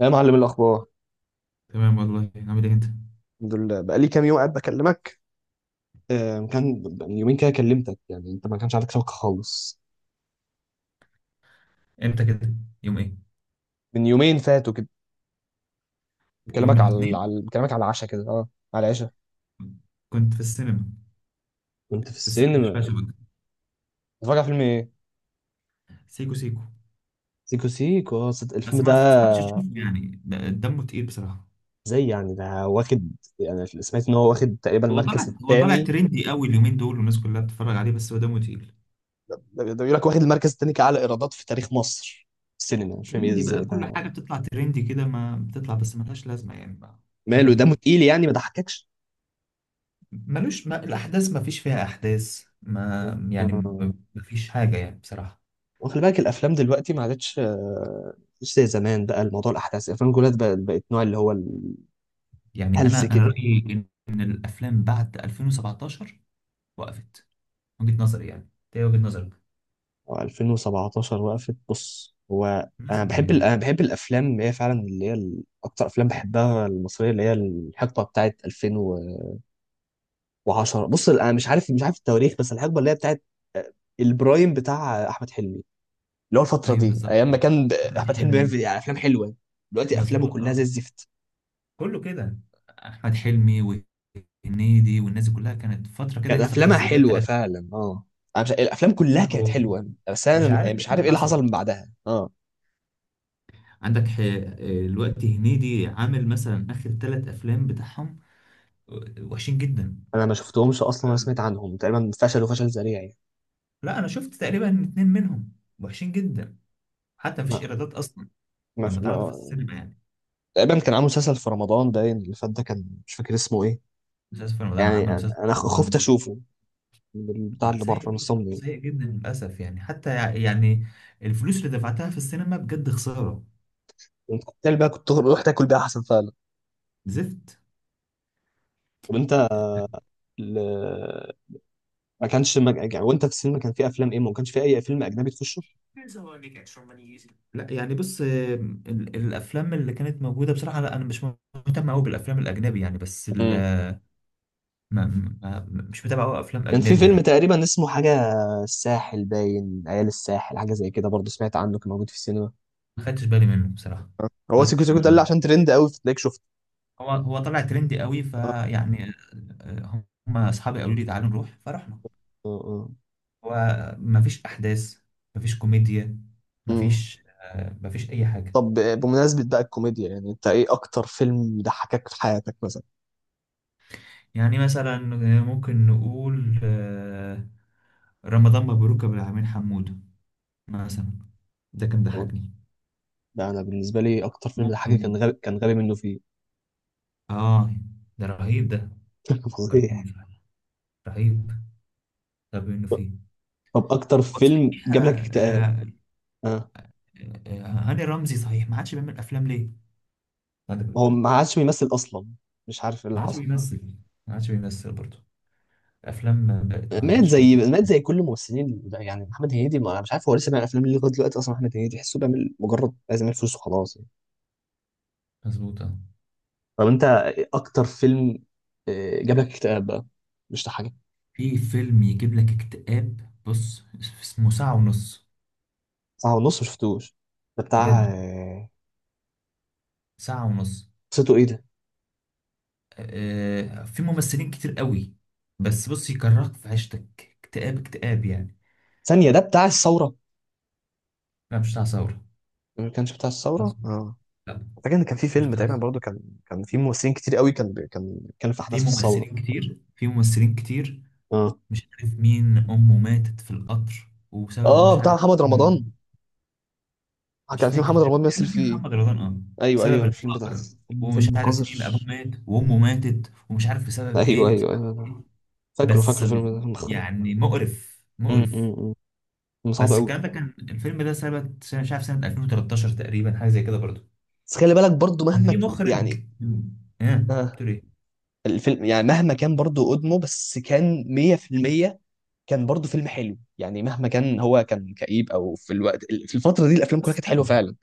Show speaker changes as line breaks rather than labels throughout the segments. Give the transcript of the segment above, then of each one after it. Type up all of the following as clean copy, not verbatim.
يا معلم الاخبار.
تمام، والله عامل ايه انت؟
الحمد لله بقالي كام يوم قاعد بكلمك. كان من يومين كده كلمتك، يعني انت ما كانش عندك شبكه خالص.
امتى كده؟ يوم ايه؟
من يومين فاتوا كده،
يوم
بكلمك
الاثنين
على العشاء كده، على العشاء.
كنت في السينما.
كنت في
في السينما، في
السينما،
شباب.
بتتفرج على فيلم ايه؟
سيكو سيكو.
سيكو سيكو،
بس
الفيلم
ما
ده.
انصحكش تشوفه، يعني دمه تقيل بصراحه.
زي يعني ده واخد يعني سمعت ان هو واخد تقريبا
هو طالع
المركز
هو طالع
الثاني.
ترندي قوي اليومين دول، والناس كلها بتتفرج عليه، بس هو دمه تقيل.
ده بيقول لك، واخد المركز الثاني كأعلى ايرادات في تاريخ مصر في السينما. مش فاهم ايه
ترندي بقى،
ازاي
كل
ده.
حاجه بتطلع ترندي كده، ما بتطلع بس ملهاش لازمه يعني بقى. دمه
ماله؟ ده
تقيل،
تقيل يعني، ما ضحككش.
ملوش، ما الاحداث، ما فيش فيها احداث ما يعني.
آه.
ما فيش حاجه يعني بصراحه.
وخلي بالك الافلام دلوقتي ما عادتش، مش زي زمان بقى. الموضوع الاحداث الافلام كلها بقت نوع اللي هو
يعني
الهلس
انا
كده.
رايي ان الافلام بعد 2017 وقفت. وجهة نظري يعني. ده وجهة نظرك.
و2017 وقفت. بص، هو انا
مثلا يعني.
بحب الافلام اللي هي فعلا اكتر افلام بحبها المصريه اللي هي الحقبه بتاعت 2010. بص انا مش عارف التواريخ، بس الحقبه اللي هي بتاعت، آه، البرايم بتاع احمد حلمي، اللي هو الفتره
ايوه
دي
بالظبط
ايام ما
كده.
كان
احمد
احمد حلمي
حلمي.
بيعمل يعني افلام حلوه. دلوقتي افلامه
مظبوط
كلها زي
اه.
الزفت.
كله كده. احمد حلمي وهنيدي والناس دي كلها كانت فتره كده،
كانت
الفتره
افلامها
الذهبيه
حلوه
بتاعتهم.
فعلا، اه. انا مش الافلام كلها كانت
كله.
حلوه، بس
مش
انا
عارف ايه
مش عارف
اللي
ايه اللي حصل
حصل.
من بعدها، اه.
عندك ح- الوقت هنيدي عامل مثلا اخر 3 افلام بتاعهم، وحشين جدا.
انا ما شفتهمش اصلا ولا سمعت عنهم، تقريبا فشلوا فشل ذريع يعني.
لا انا شفت تقريبا 2 منهم، وحشين جدا. حتى مفيش
ما
ايرادات اصلا
ما
لما اتعرضوا في
ما
السينما يعني.
تقريبا كان عامل مسلسل في رمضان باين اللي فات ده، كان مش فاكر اسمه ايه.
مسلسل في رمضان.
يعني
عمل مسلسل
انا
في
خفت
رمضان.
اشوفه من البتاع
لا
اللي بره
سيء،
من
برضه
الصمم يعني.
سيء جدا للأسف يعني. حتى يعني الفلوس اللي دفعتها في السينما بجد خسارة.
كنت رحت اكل بيها احسن فعلا.
زفت.
طب انت، ال- ما كانش ما... يعني وانت في السينما كان في افلام ايه؟ ما كانش في اي فيلم اجنبي تخشه؟
Here's how I make extra money easily. لا يعني بص، الأفلام اللي كانت موجودة بصراحة، لا أنا مش مهتم أوي بالأفلام الأجنبي يعني. ما ما مش متابع أوي أفلام
كان في
أجنبي
فيلم
يعني.
تقريبا اسمه حاجة الساحل باين، عيال الساحل حاجة زي كده برضه، سمعت عنه كان موجود في السينما.
ما خدتش بالي منه بصراحة. ما
هو سيكو
خدتش
سيكو
بالي
ده اللي
منه.
عشان ترند قوي فتلاقيك شفته.
هو طلع ترندي قوي
آه.
فيعني. آه، هم أصحابي قالوا لي تعالوا نروح فرحنا.
اه، اه.
هو مفيش أحداث، مفيش كوميديا،
أمم.
مفيش مفيش أي حاجة.
طب بمناسبة بقى الكوميديا، يعني انت ايه اكتر فيلم ضحكك في حياتك مثلا؟
يعني مثلا ممكن نقول رمضان مبروك يا أبو العالمين حمودة مثلا. ده كان ضحكني.
ده انا بالنسبة لي اكتر فيلم ضحكني
ممكن.
كان غبي منه فيه.
آه. ده رهيب ده. فكرتني
فضيح.
فعلا، رهيب. طب إنه فيه.
طب اكتر
هو
فيلم
صحيح
جاب لك اكتئاب؟ اه.
هاني رمزي صحيح ما عادش بيعمل أفلام ليه؟ عندك
ما هو
فكرة؟
ما عادش بيمثل اصلا، مش عارف ايه اللي
ما عادش
حصل.
بيمثل. ما عادش بيمثل برضه. الأفلام بقت ما
مات
عادتش.
زي مات زي كل الممثلين ده يعني. محمد هنيدي، ما أنا مش عارف هو لسه بيعمل افلام ليه لغايه دلوقتي اصلا. محمد هنيدي تحسه بيعمل مجرد عايز يعمل فلوس وخلاص يعني.
مظبوطة.
طب انت إيه اكتر فيلم، جاب لك اكتئاب بقى؟ مش ده حاجه.
في فيلم يجيب لك اكتئاب، بص اسمه ساعة ونص.
ساعه ونص ما شفتوش، ده بتاع،
بجد، ساعة ونص.
قصته ايه ده؟
في ممثلين كتير قوي، بس بص يكرهك في عيشتك. اكتئاب اكتااب يعني.
ثانيه، ده بتاع الثوره؟
لا مش بتاع ثورة.
ما كانش بتاع الثوره؟ اه.
لا
فاكر ان كان في
مش
فيلم
بتاع
تقريبا
ثورة.
برضه، كان في ممثلين كتير قوي، كان بي- كان كان في
في
احداث في الثوره.
ممثلين كتير، في ممثلين كتير.
اه،
مش عارف مين أمه ماتت في القطر وبسبب
اه.
مش
بتاع
عارف.
محمد رمضان.
مش
كان في
فاكر
محمد
تقريبا
رمضان بيمثل
تقريباً في
فيه.
محمد رمضان اه.
ايوه،
بسبب
ايوه، الفيلم ده
الفقر.
كان
ومش
فيلم
عارف
قذر.
مين أبوه مات وأمه ماتت، ومش عارف بسبب
ايوه،
إيه، بسبب
ايوه،
إيه.
ايوه. فاكره،
بس
فاكره، فيلم ده مخرب.
يعني مقرف مقرف.
أمم. فيلم صعب
بس
قوي.
الكلام ده، كان الفيلم ده سنة مش عارف سنة 2013 تقريبا، حاجة زي كده برضه.
بس خلي بالك برضو
كان
مهما
في مخرج.
يعني.
ايه؟
آه.
بتقول ايه؟
الفيلم يعني مهما كان برضو قدمه، بس كان 100% كان برضو فيلم حلو، يعني مهما كان هو كان كئيب، او في الوقت في الفتره دي الافلام كلها
قصة
كانت حلوه
حلوة.
فعلا.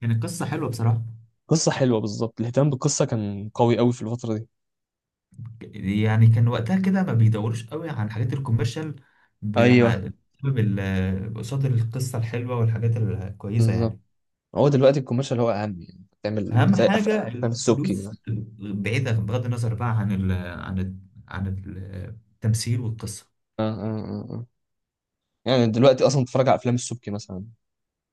يعني القصة حلوة بصراحة.
قصه حلوه بالظبط، الاهتمام بالقصه كان قوي قوي في الفتره دي.
يعني كان وقتها كده ما بيدوروش قوي عن الحاجات الكوميرشال.
ايوه،
بسبب قصاد القصة الحلوة والحاجات الكويسة
بالظبط.
يعني.
هو دلوقتي الكوميرشال هو اهم، يعني تعمل
أهم
زي
حاجة
افلام السبكي. آه،
الفلوس، بعيدة، بغض النظر بقى عن ال، عن ال، عن التمثيل والقصة.
آه، آه. آه. يعني دلوقتي اصلا بتتفرج على افلام السبكي مثلا،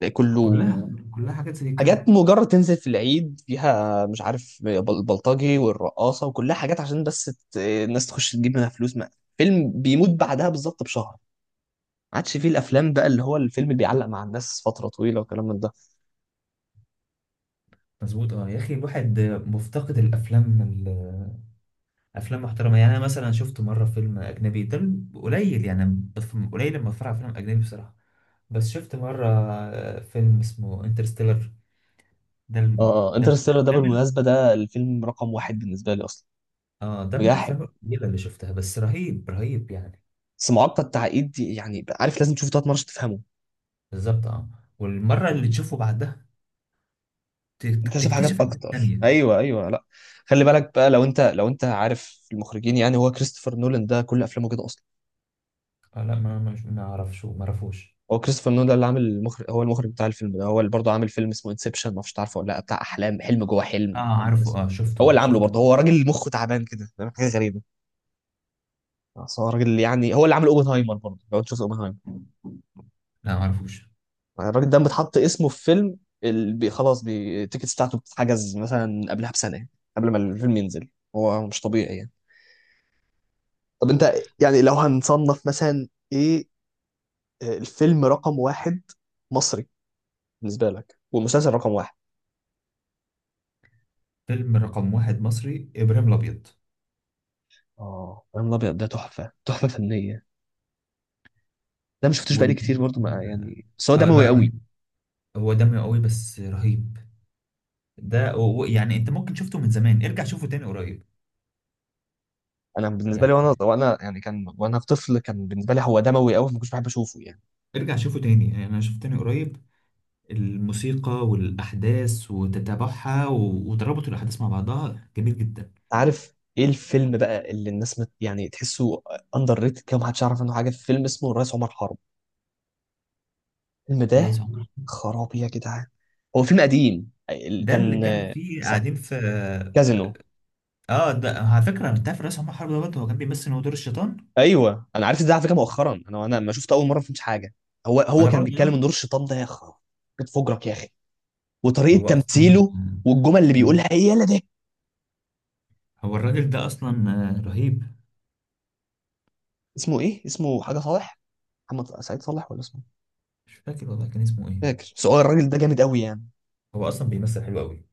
تلاقي
كلها
كله
كلها حاجات زي كده.
حاجات مجرد تنزل في العيد فيها، مش عارف البلطجي والرقاصة، وكلها حاجات عشان بس الناس تخش تجيب منها فلوس. ما. فيلم بيموت بعدها بالظبط بشهر. ما عادش فيه الافلام بقى اللي هو الفيلم اللي بيعلق مع الناس فترة طويلة وكلام من ده.
مظبوط اه. يا اخي، الواحد مفتقد الافلام. افلام محترمه يعني. انا مثلا شفت مره فيلم اجنبي ده قليل يعني. قليل لما اتفرج على فيلم اجنبي بصراحه. بس شفت مره فيلم اسمه انترستيلر. ده ال-
اه،
ده من
انترستيلر ده
الافلام.
بالمناسبة ده الفيلم رقم واحد بالنسبة لي اصلا.
اه ده من
مجاحد،
الافلام القليله اللي شفتها، بس رهيب رهيب يعني.
بس معقد، التعقيد دي يعني عارف لازم تشوفه ثلاث مرات عشان تفهمه.
بالظبط اه. والمره اللي تشوفه بعدها ت-
انت شايف حاجات
تكتشف حاجات
اكتر،
تانية.
ايوه، ايوه. لا، خلي بالك بقى، لو انت عارف المخرجين، يعني هو كريستوفر نولان ده كل افلامه كده.
اه لا، ما اعرفش، ما اعرفوش.
هو كريستوفر نولان اللي عامل المخرج، هو المخرج بتاع الفيلم ده، هو اللي برضه عامل فيلم اسمه انسبشن، ما اعرفش تعرفه ولا لا، بتاع احلام، حلم جوه حلم.
اه عارفه، اه شفته
هو اللي عامله
شفته.
برضه، هو راجل مخه تعبان كده، فاهم؟ حاجه غريبه. بس هو راجل يعني، هو اللي عامل اوبنهايمر برضه، لو انت شفت اوبنهايمر.
لا ما اعرفوش.
الراجل ده بتحط اسمه في فيلم، التيكتس بتاعته بتتحجز مثلا قبلها بسنه قبل ما الفيلم ينزل. هو مش طبيعي يعني. طب انت، يعني لو هنصنف مثلا ايه، الفيلم رقم واحد مصري بالنسبه لك، والمسلسل رقم واحد.
فيلم رقم واحد مصري ابراهيم الابيض
اه، ابراهيم الابيض ده تحفه، تحفه فنيه. ده ما شفتوش بقالي كتير
والمنيب.
برضو، ما يعني، بس هو
آه
دموي
لا
قوي.
رهيب. هو دمه قوي بس رهيب. ده يعني انت ممكن شفته من زمان، ارجع شوفه تاني قريب.
انا بالنسبه
يعني
لي وانا يعني كان، وانا طفل كان بالنسبه لي هو دموي قوي فما كنتش بحب اشوفه يعني.
ارجع شوفه تاني، يعني انا شفته تاني قريب. الموسيقى والاحداث وتتابعها، وتربط الاحداث مع بعضها جميل جدا.
عارف ايه الفيلم بقى اللي الناس مت يعني تحسه اندر ريتد كده ومحدش يعرف عنه حاجه؟ فيلم اسمه الرئيس عمر حرب. الفيلم ده
الريس عمر.
خرابي يا جدعان. هو فيلم قديم،
ده اللي
كان
كان فيه قاعدين في.
كازينو.
اه، ده على فكره انت عارف الريس عمر حرب ده، برضه هو كان بيمثل إن هو دور الشيطان.
ايوه، انا عرفت ده على فكره مؤخرا. انا ما شفته اول مره ما فهمتش حاجه. هو
وانا
كان
برضه
بيتكلم ان دور الشيطان ده، يا خرابي، بتفجرك يا اخي. وطريقه
هو اصلا.
تمثيله، والجمل اللي بيقولها هي، يلا ده.
هو الراجل ده اصلا رهيب.
اسمه ايه؟ اسمه حاجه صالح، محمد سعيد صالح، ولا اسمه؟ مش
مش فاكر والله كان اسمه ايه.
فاكر. بس هو الراجل ده جامد قوي يعني.
هو اصلا بيمثل حلو قوي.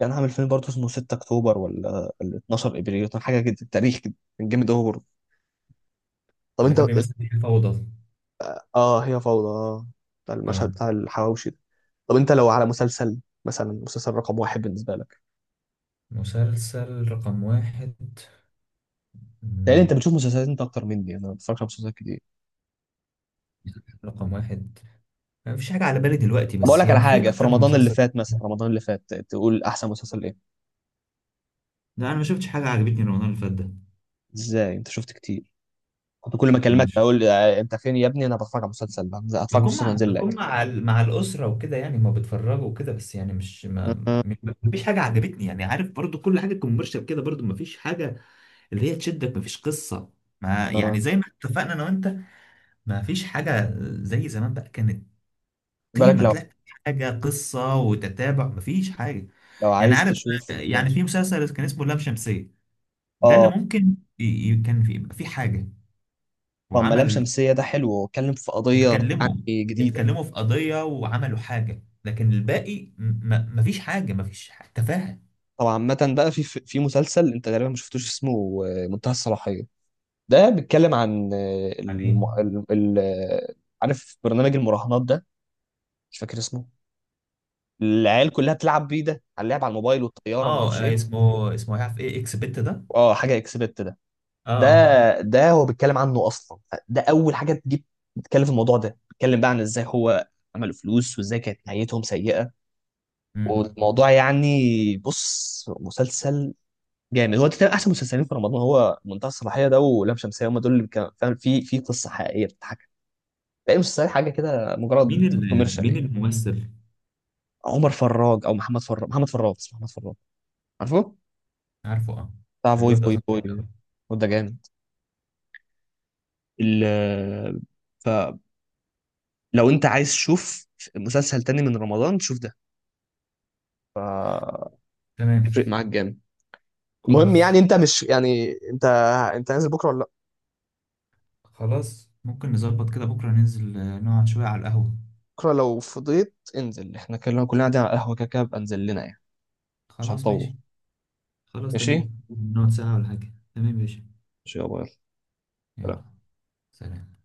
كان عامل فيلم برضه اسمه 6 اكتوبر ولا ال 12 ابريل، كان حاجه كده تاريخ كده، كان جامد قوي برضه. طب
اللي
انت،
كان بيمثل فيه الفوضى.
اه هي فوضى، اه، بتاع المشهد
اه.
بتاع الحواوشي ده. طب انت لو على مسلسل مثلا، مسلسل رقم واحد بالنسبه لك.
مسلسل رقم واحد.
تقريبا
مم،
انت بتشوف مسلسلات انت اكتر مني، انا ما بتفرجش على مسلسلات كتير.
رقم واحد. ما فيش حاجة على بالي دلوقتي،
طب اقول
بس
لك على
يعني في
حاجه. في
أكتر من
رمضان اللي
مسلسل.
فات مثلا، رمضان اللي فات، تقول احسن مسلسل ايه؟
لا أنا ما شفتش حاجة عجبتني رمضان اللي فات ده.
ازاي؟ انت شفت كتير. كنت كل ما اكلمك
ماشي.
اقول انت فين يا ابني، انا بتفرج على مسلسل، بنزل اتفرج على
بكون
مسلسل وانزل لك.
مع الأسرة وكده، يعني ما بتفرجوا وكده، بس يعني مش
آه،
ما فيش حاجة عجبتني يعني عارف. برضو كل حاجة كوميرشال كده، برضو ما فيش حاجة اللي هي تشدك، ما فيش قصة ما
آه.
يعني. زي ما اتفقنا أنا وأنت، ما فيش حاجة زي زمان بقى، كانت
بالك
قيمة
لو
تلاقي حاجة، قصة وتتابع. ما فيش حاجة يعني
عايز
عارف.
تشوف،
يعني في
ماشي.
مسلسل كان اسمه لام شمسية، ده اللي
اه،
ممكن كان في، يبقى في حاجة.
طب ملام
وعمل.
شمسية ده حلو واتكلم في قضية
اتكلموا
يعني جديدة.
اتكلموا في قضية وعملوا حاجة، لكن الباقي ما فيش حاجة، ما فيش تفاهة.
طبعا عامة بقى، في مسلسل انت غالبا ما شفتوش اسمه منتهى الصلاحية. ده بيتكلم عن آه،
يعني
الم...
إيه؟
ال... ال... آه، عارف برنامج المراهنات ده؟ مش فاكر اسمه. العيال كلها بتلعب بيه، ده على اللعب على الموبايل
اه
والطيارة، ما اعرفش ايه.
اسمه عارف ايه، اكس بت ده.
اه، حاجة اكسبت ده
اه اه.
ده هو بيتكلم عنه اصلا، ده اول حاجه تجيب بتتكلم في الموضوع ده، بيتكلم بقى عن ازاي هو عملوا فلوس وازاي كانت نهايتهم سيئه.
مم.
والموضوع يعني بص، مسلسل جامد. هو ده تقريباً احسن مسلسلين في رمضان، هو منتهى الصلاحيه ده ولام شمسيه. هم دول اللي كان فعلا في قصه حقيقيه بتتحكى. باقي المسلسلات حاجه كده مجرد كوميرشال.
مين
ايه،
الممثل؟
عمر فراج او محمد فراج، محمد فراج، اسمه محمد فراج. عارفه؟
عارفه اه.
بتاع فوي
الواد ده
فوي
اصلا كويس
فوي.
أوي.
وده جامد. ال- ف لو انت عايز تشوف مسلسل تاني من رمضان شوف ده فهيفرق
تمام.
معاك جامد. المهم
كويس.
يعني، انت مش يعني انت انت نازل بكره ولا لأ؟
خلاص، ممكن نظبط كده بكرة ننزل نقعد شوية على القهوة.
بكره لو فضيت انزل، احنا كلنا قاعدين على القهوه، كده بقى انزل لنا يعني، مش
خلاص
هنطول.
ماشي. خلاص
ماشي،
تمام، نقعد ساعة ولا حاجة، تمام يا باشا.
ماشي، يا باي.
يلا. سلام.